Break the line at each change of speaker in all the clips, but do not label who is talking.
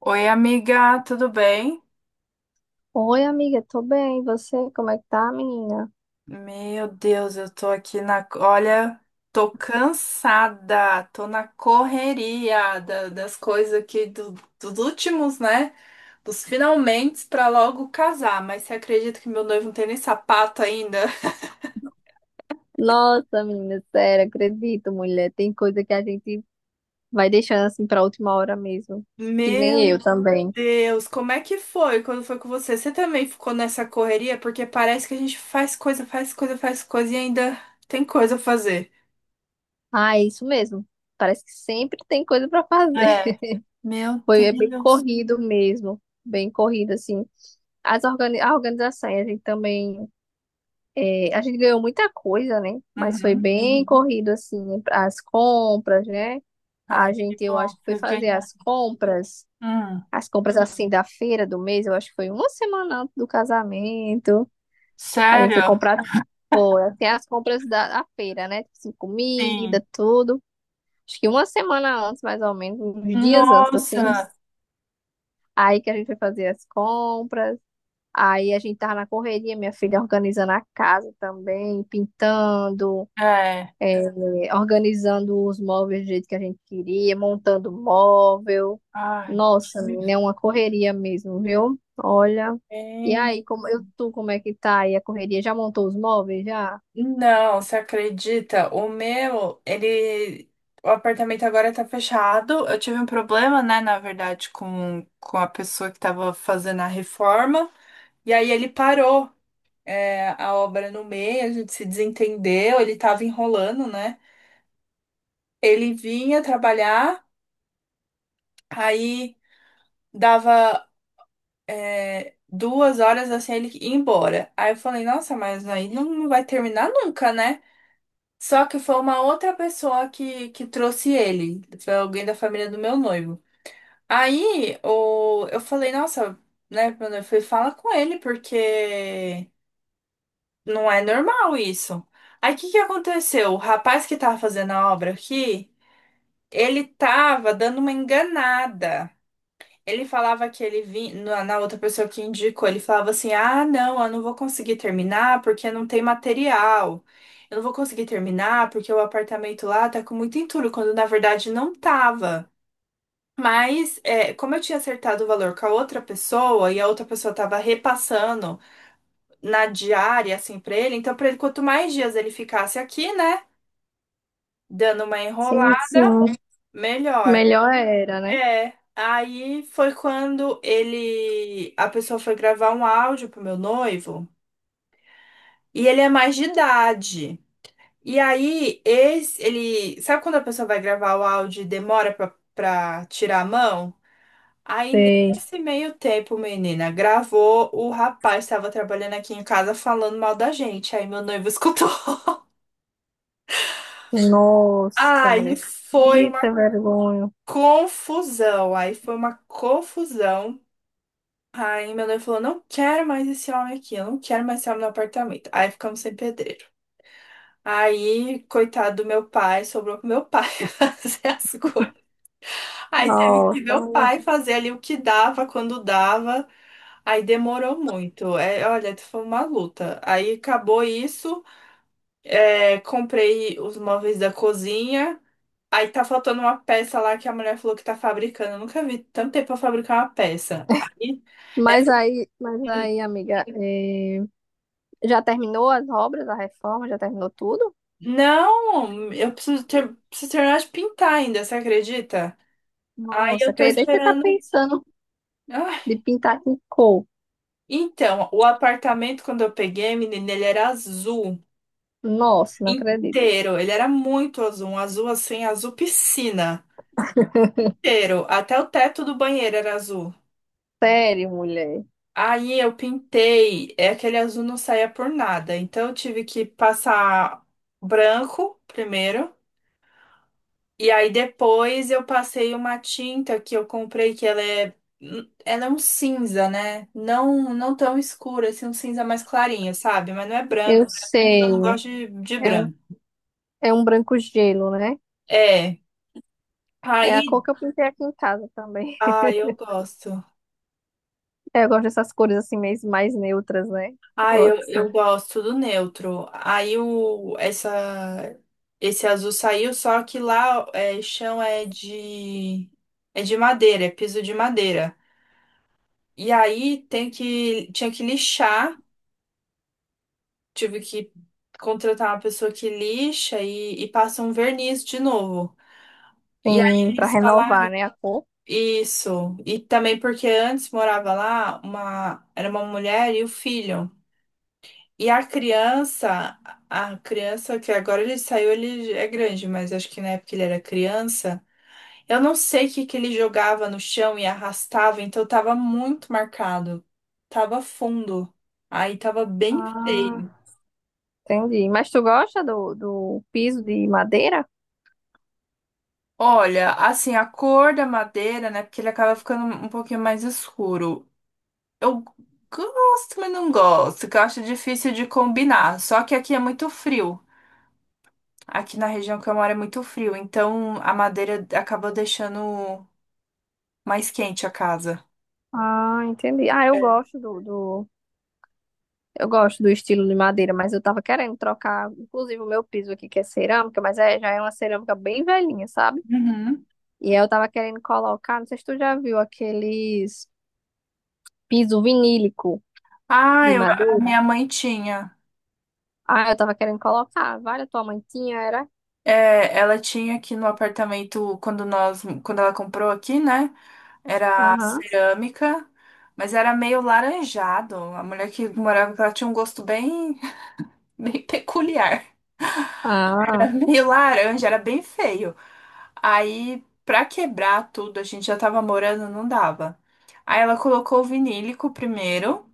Oi, amiga, tudo bem?
Oi, amiga, tô bem. E você, como é que tá, menina?
Meu Deus, eu tô aqui na. Olha, tô cansada, tô na correria das coisas aqui dos últimos, né? Dos finalmente pra logo casar. Mas você acredita que meu noivo não tem nem sapato ainda?
Nossa, menina, sério, acredito, mulher. Tem coisa que a gente vai deixando assim pra última hora mesmo. Que nem eu
Meu
também.
Deus, como é que foi quando foi com você? Você também ficou nessa correria? Porque parece que a gente faz coisa, faz coisa, faz coisa e ainda tem coisa a fazer.
Ah, é isso mesmo. Parece que sempre tem coisa pra fazer.
É, meu
Foi é bem
Deus.
corrido mesmo. Bem corrido, assim. As organi a organização, a gente também. É, a gente ganhou muita coisa, né? Mas foi
Uhum.
bem corrido, assim, as compras, né?
Ai,
A
que
gente, eu
bom,
acho que
que
foi
vocês
fazer
ganharam.
as compras.
Hum,
As compras assim da feira do mês, eu acho que foi uma semana antes do casamento. A gente foi
sério?
comprar, pô, tem as compras da feira, né? Tipo assim,
Sim.
comida, tudo. Acho que uma semana antes, mais ou menos, uns dias antes, assim.
Nossa,
Aí que a gente foi fazer as compras. Aí a gente tava na correria, minha filha organizando a casa também, pintando,
é.
é, organizando os móveis do jeito que a gente queria, montando móvel.
Ai,
Nossa,
me-
menina, é uma correria mesmo, viu? Olha. E
bem,
aí, tu, como é que tá aí a correria? Já montou os móveis já?
não, você acredita? O meu, ele. O apartamento agora tá fechado. Eu tive um problema, né, na verdade, com a pessoa que tava fazendo a reforma. E aí ele parou, é, a obra no meio, a gente se desentendeu, ele tava enrolando, né? Ele vinha trabalhar, aí dava. É, 2 horas assim ele ir embora. Aí eu falei, nossa, mas aí não vai terminar nunca, né? Só que foi uma outra pessoa que trouxe ele, foi alguém da família do meu noivo. Aí o, eu falei, nossa, né, meu noivo, falei, fala com ele, porque não é normal isso. Aí o que que aconteceu? O rapaz que tava fazendo a obra aqui, ele tava dando uma enganada. Ele falava que ele vinha, na outra pessoa que indicou, ele falava assim: ah, não, eu não vou conseguir terminar porque não tem material. Eu não vou conseguir terminar porque o apartamento lá tá com muito entulho, quando na verdade não tava. Mas, é, como eu tinha acertado o valor com a outra pessoa e a outra pessoa tava repassando na diária, assim, pra ele, então pra ele, quanto mais dias ele ficasse aqui, né, dando uma
Sim,
enrolada,
sim.
melhor.
Melhor era, né?
É, aí foi quando ele, a pessoa foi gravar um áudio pro meu noivo, e ele é mais de idade. E aí esse, ele, sabe quando a pessoa vai gravar o áudio e demora pra tirar a mão?
Sei.
Nesse meio tempo, menina, gravou, o rapaz estava trabalhando aqui em casa falando mal da gente, aí meu noivo escutou.
Nossa,
Aí
mulher.
foi
Eita,
uma
vergonha.
confusão, aí foi uma confusão. Aí meu noivo falou, não quero mais esse homem aqui, eu não quero mais esse homem no apartamento. Aí ficamos sem pedreiro. Aí, coitado do meu pai, sobrou pro meu pai fazer as coisas. Aí teve que
Nossa,
meu
mulher.
pai fazer ali o que dava, quando dava. Aí demorou muito. É, olha, foi uma luta. Aí acabou isso. É, comprei os móveis da cozinha. Aí tá faltando uma peça lá que a mulher falou que tá fabricando. Eu nunca vi tanto tempo pra fabricar uma peça. Aí.
Mas aí, amiga, já terminou as obras, a reforma, já terminou tudo?
Não, eu preciso terminar de pintar ainda, você acredita? Aí
Nossa,
eu tô
acredito que você tá
esperando.
pensando
Ah,
de pintar com cor.
então, o apartamento, quando eu peguei, menina, ele era azul
Nossa, não acredito.
inteiro. Ele era muito azul, um azul assim, azul piscina inteiro. Até o teto do banheiro era azul.
Sério, mulher.
Aí eu pintei, é aquele azul não saía por nada. Então eu tive que passar branco primeiro. E aí depois eu passei uma tinta que eu comprei, que ela é um cinza, né? Não, não tão escura, assim, um cinza mais clarinho, sabe? Mas não é branco,
Eu
eu
sei.
não gosto de
É um,
branco.
é um branco gelo, né?
É.
É a
Aí,
cor que eu pintei aqui em casa também.
ah, eu gosto.
Eu gosto dessas cores assim, mais neutras, né? Eu
Ah,
gosto,
eu
sim.
gosto do neutro. Aí o, essa, esse azul saiu, só que lá é, chão é de madeira, é piso de madeira. E aí tem que, tinha que lixar. Tive que contratar uma pessoa que lixa e passa um verniz de novo. E aí
Tem pra
eles
renovar,
falaram
né, a cor.
isso. E também porque antes morava lá uma, era uma mulher e o filho. E a criança que agora ele saiu, ele é grande, mas acho que na época ele era criança. Eu não sei o que que ele jogava no chão e arrastava, então tava muito marcado. Tava fundo. Aí tava bem
Ah,
feio.
entendi. Mas tu gosta do piso de madeira?
Olha, assim, a cor da madeira, né? Porque ele acaba ficando um pouquinho mais escuro. Eu gosto, mas não gosto, que eu acho difícil de combinar. Só que aqui é muito frio. Aqui na região que eu moro é muito frio, então a madeira acabou deixando mais quente a casa.
Ah, entendi. Eu gosto do estilo de madeira, mas eu tava querendo trocar, inclusive, o meu piso aqui, que é cerâmica, mas é, já é uma cerâmica bem velhinha, sabe?
Uhum.
E aí eu tava querendo colocar, não sei se tu já viu aqueles piso vinílico
Ah,
de
eu, a
madeira.
minha mãe tinha.
Ah, eu tava querendo colocar. Vale, a tua mãe tinha, era?
É, ela tinha aqui no apartamento quando nós, quando ela comprou aqui, né? Era
Aham.
cerâmica, mas era meio laranjado. A mulher que morava com ela tinha um gosto bem, bem peculiar. Era
Ah.
meio laranja, era bem feio. Aí, pra quebrar tudo, a gente já tava morando, não dava. Aí ela colocou o vinílico primeiro,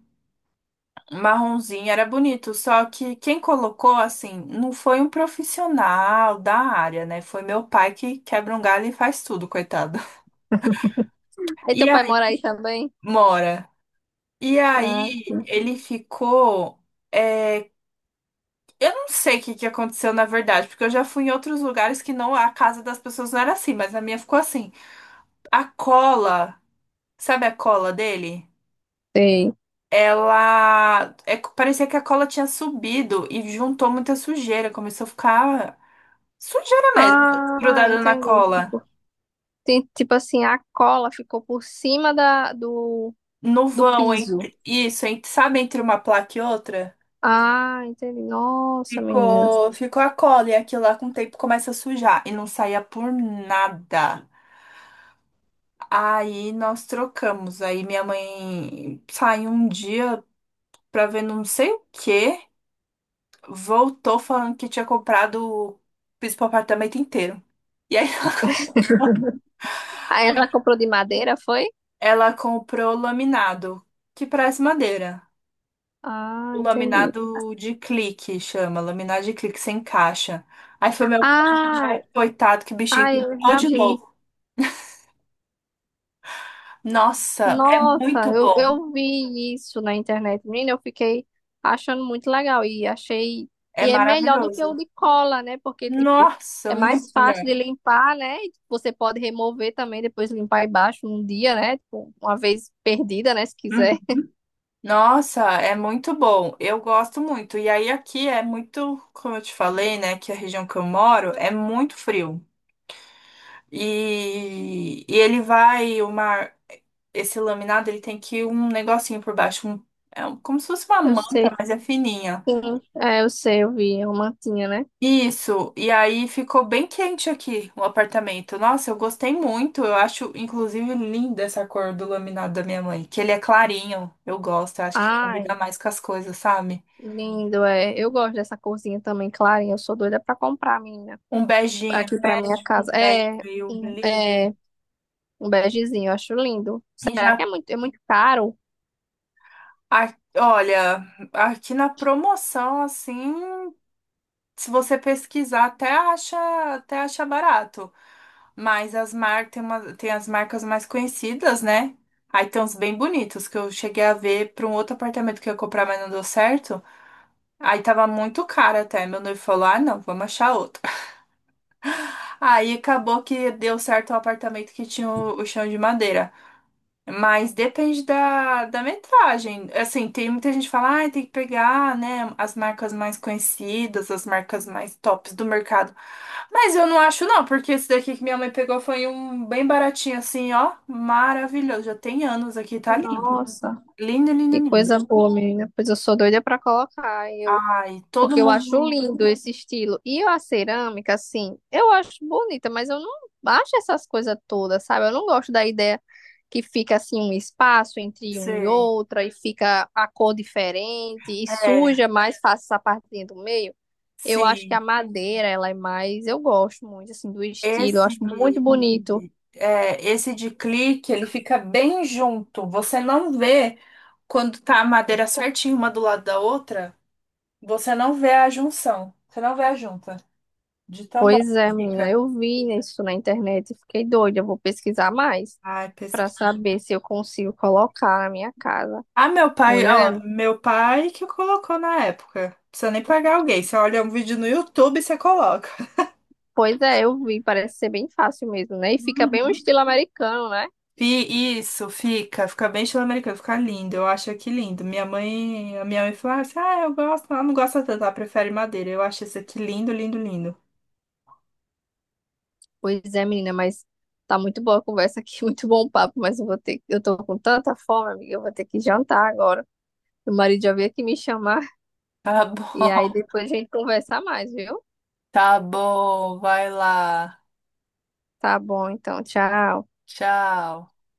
marronzinho, era bonito. Só que quem colocou, assim, não foi um profissional da área, né? Foi meu pai que quebra um galho e faz tudo, coitado.
Aí
E
teu pai
aí,
mora aí também?
mora. E
Ah,
aí, ele ficou. Eu não sei o que que aconteceu na verdade, porque eu já fui em outros lugares que não a casa das pessoas não era assim, mas a minha ficou assim. A cola, sabe a cola dele?
sei.
Ela é, parecia que a cola tinha subido e juntou muita sujeira, começou a ficar sujeira mesmo,
Ah,
grudada na
entendi.
cola.
Tipo, tem, tipo assim, a cola ficou por cima da, do,
No
do
vão
piso.
entre isso, entre, sabe, entre uma placa e outra,
Ah, entendi. Nossa, menina.
ficou a cola e aquilo lá com o tempo começa a sujar e não saía por nada. Aí nós trocamos. Aí minha mãe saiu um dia pra ver não sei o quê, voltou falando que tinha comprado piso pro apartamento inteiro. E aí
Aí ela comprou de madeira, foi?
ela comprou laminado, que parece madeira.
Ah,
O
entendi.
laminado de clique chama, laminado de clique sem caixa. Aí foi meu
Ah,
pai, coitado, que bichinho
ah,
que
eu
botou
já
de
vi.
novo. Nossa, é
Nossa,
muito
eu,
bom.
eu vi isso na internet, menina, eu fiquei achando muito legal e achei,
É
e é melhor do que o
maravilhoso.
de cola, né? Porque, tipo,
Nossa,
é
muito
mais
melhor.
fácil de limpar, né? E você pode remover também, depois limpar embaixo um dia, né? Tipo, uma vez perdida, né? Se quiser.
Uhum. Nossa, é muito bom. Eu gosto muito. E aí aqui é muito, como eu te falei, né, que a região que eu moro é muito frio. E ele vai, o mar, esse laminado, ele tem que ir um negocinho por baixo, um, é como se fosse uma
Eu sei,
manta, mas é fininha.
sim. É, eu sei, eu vi, é uma mantinha, né?
Isso. E aí ficou bem quente aqui o apartamento. Nossa, eu gostei muito. Eu acho, inclusive, linda essa cor do laminado da minha mãe, que ele é clarinho. Eu gosto. Eu acho que combina
Ai,
mais com as coisas, sabe?
lindo, é. Eu gosto dessa corzinha também, clarinha, eu sou doida pra comprar, menina,
Um beijinho.
aqui pra minha
De
casa.
Bad
É,
Bill,
um-
lindo.
é. Um begezinho, eu acho lindo.
E
Será que
já,
é muito caro?
olha, aqui na promoção, assim, se você pesquisar, até acha barato. Mas as mar... tem uma... tem as marcas mais conhecidas, né? Aí tem uns bem bonitos que eu cheguei a ver para um outro apartamento que eu ia comprar, mas não deu certo. Aí tava muito caro até. Meu noivo falou: ah, não, vamos achar outro. Aí acabou que deu certo o apartamento que tinha o chão de madeira. Mas depende da metragem. Assim, tem muita gente que fala, ah, tem que pegar, né, as marcas mais conhecidas, as marcas mais tops do mercado. Mas eu não acho não, porque esse daqui que minha mãe pegou foi um bem baratinho assim, ó, maravilhoso. Já tem anos aqui, tá lindo.
Nossa,
Lindo, lindo,
que
lindo.
coisa boa, menina. Pois eu sou doida pra colocar. Eu,
Ai, todo
porque eu acho
mundo,
lindo esse estilo. E a cerâmica, assim, eu acho bonita, mas eu não acho essas coisas todas, sabe? Eu não gosto da ideia que fica assim um espaço entre um e
sei.
outra e fica a cor diferente e
É,
suja mais fácil essa partezinha do meio. Eu acho que a
sim.
madeira, ela é mais, eu gosto muito assim do estilo, eu
Esse,
acho muito bonito.
é, esse de clique, ele fica bem junto. Você não vê quando tá a madeira certinha uma do lado da outra, você não vê a junção. Você não vê a junta de tão bom
Pois
que
é, menina,
fica.
eu vi isso na internet e fiquei doida. Eu vou pesquisar mais
Ai,
para
pesquisa.
saber se eu consigo colocar na minha casa.
Ah, meu pai, ó,
Mulher,
meu pai que colocou na época. Não precisa nem pagar alguém. Você olha um vídeo no YouTube e você coloca.
pois é, eu vi, parece ser bem fácil mesmo, né? E fica bem um
Uhum.
estilo americano, né?
Isso, fica, fica bem estilo americano, fica lindo, eu acho aqui lindo. Minha mãe, a minha mãe falou assim, ah, eu gosto, ela não gosta tanto, ela prefere madeira. Eu acho esse aqui lindo, lindo, lindo.
Pois é, menina, mas tá muito boa a conversa aqui, muito bom o papo, mas eu tô com tanta fome, amiga, eu vou ter que jantar agora. Meu marido já veio aqui me chamar
Tá
e aí
bom,
depois a gente conversa mais, viu?
tá bom, vai lá.
Tá bom, então, tchau.
Tchau.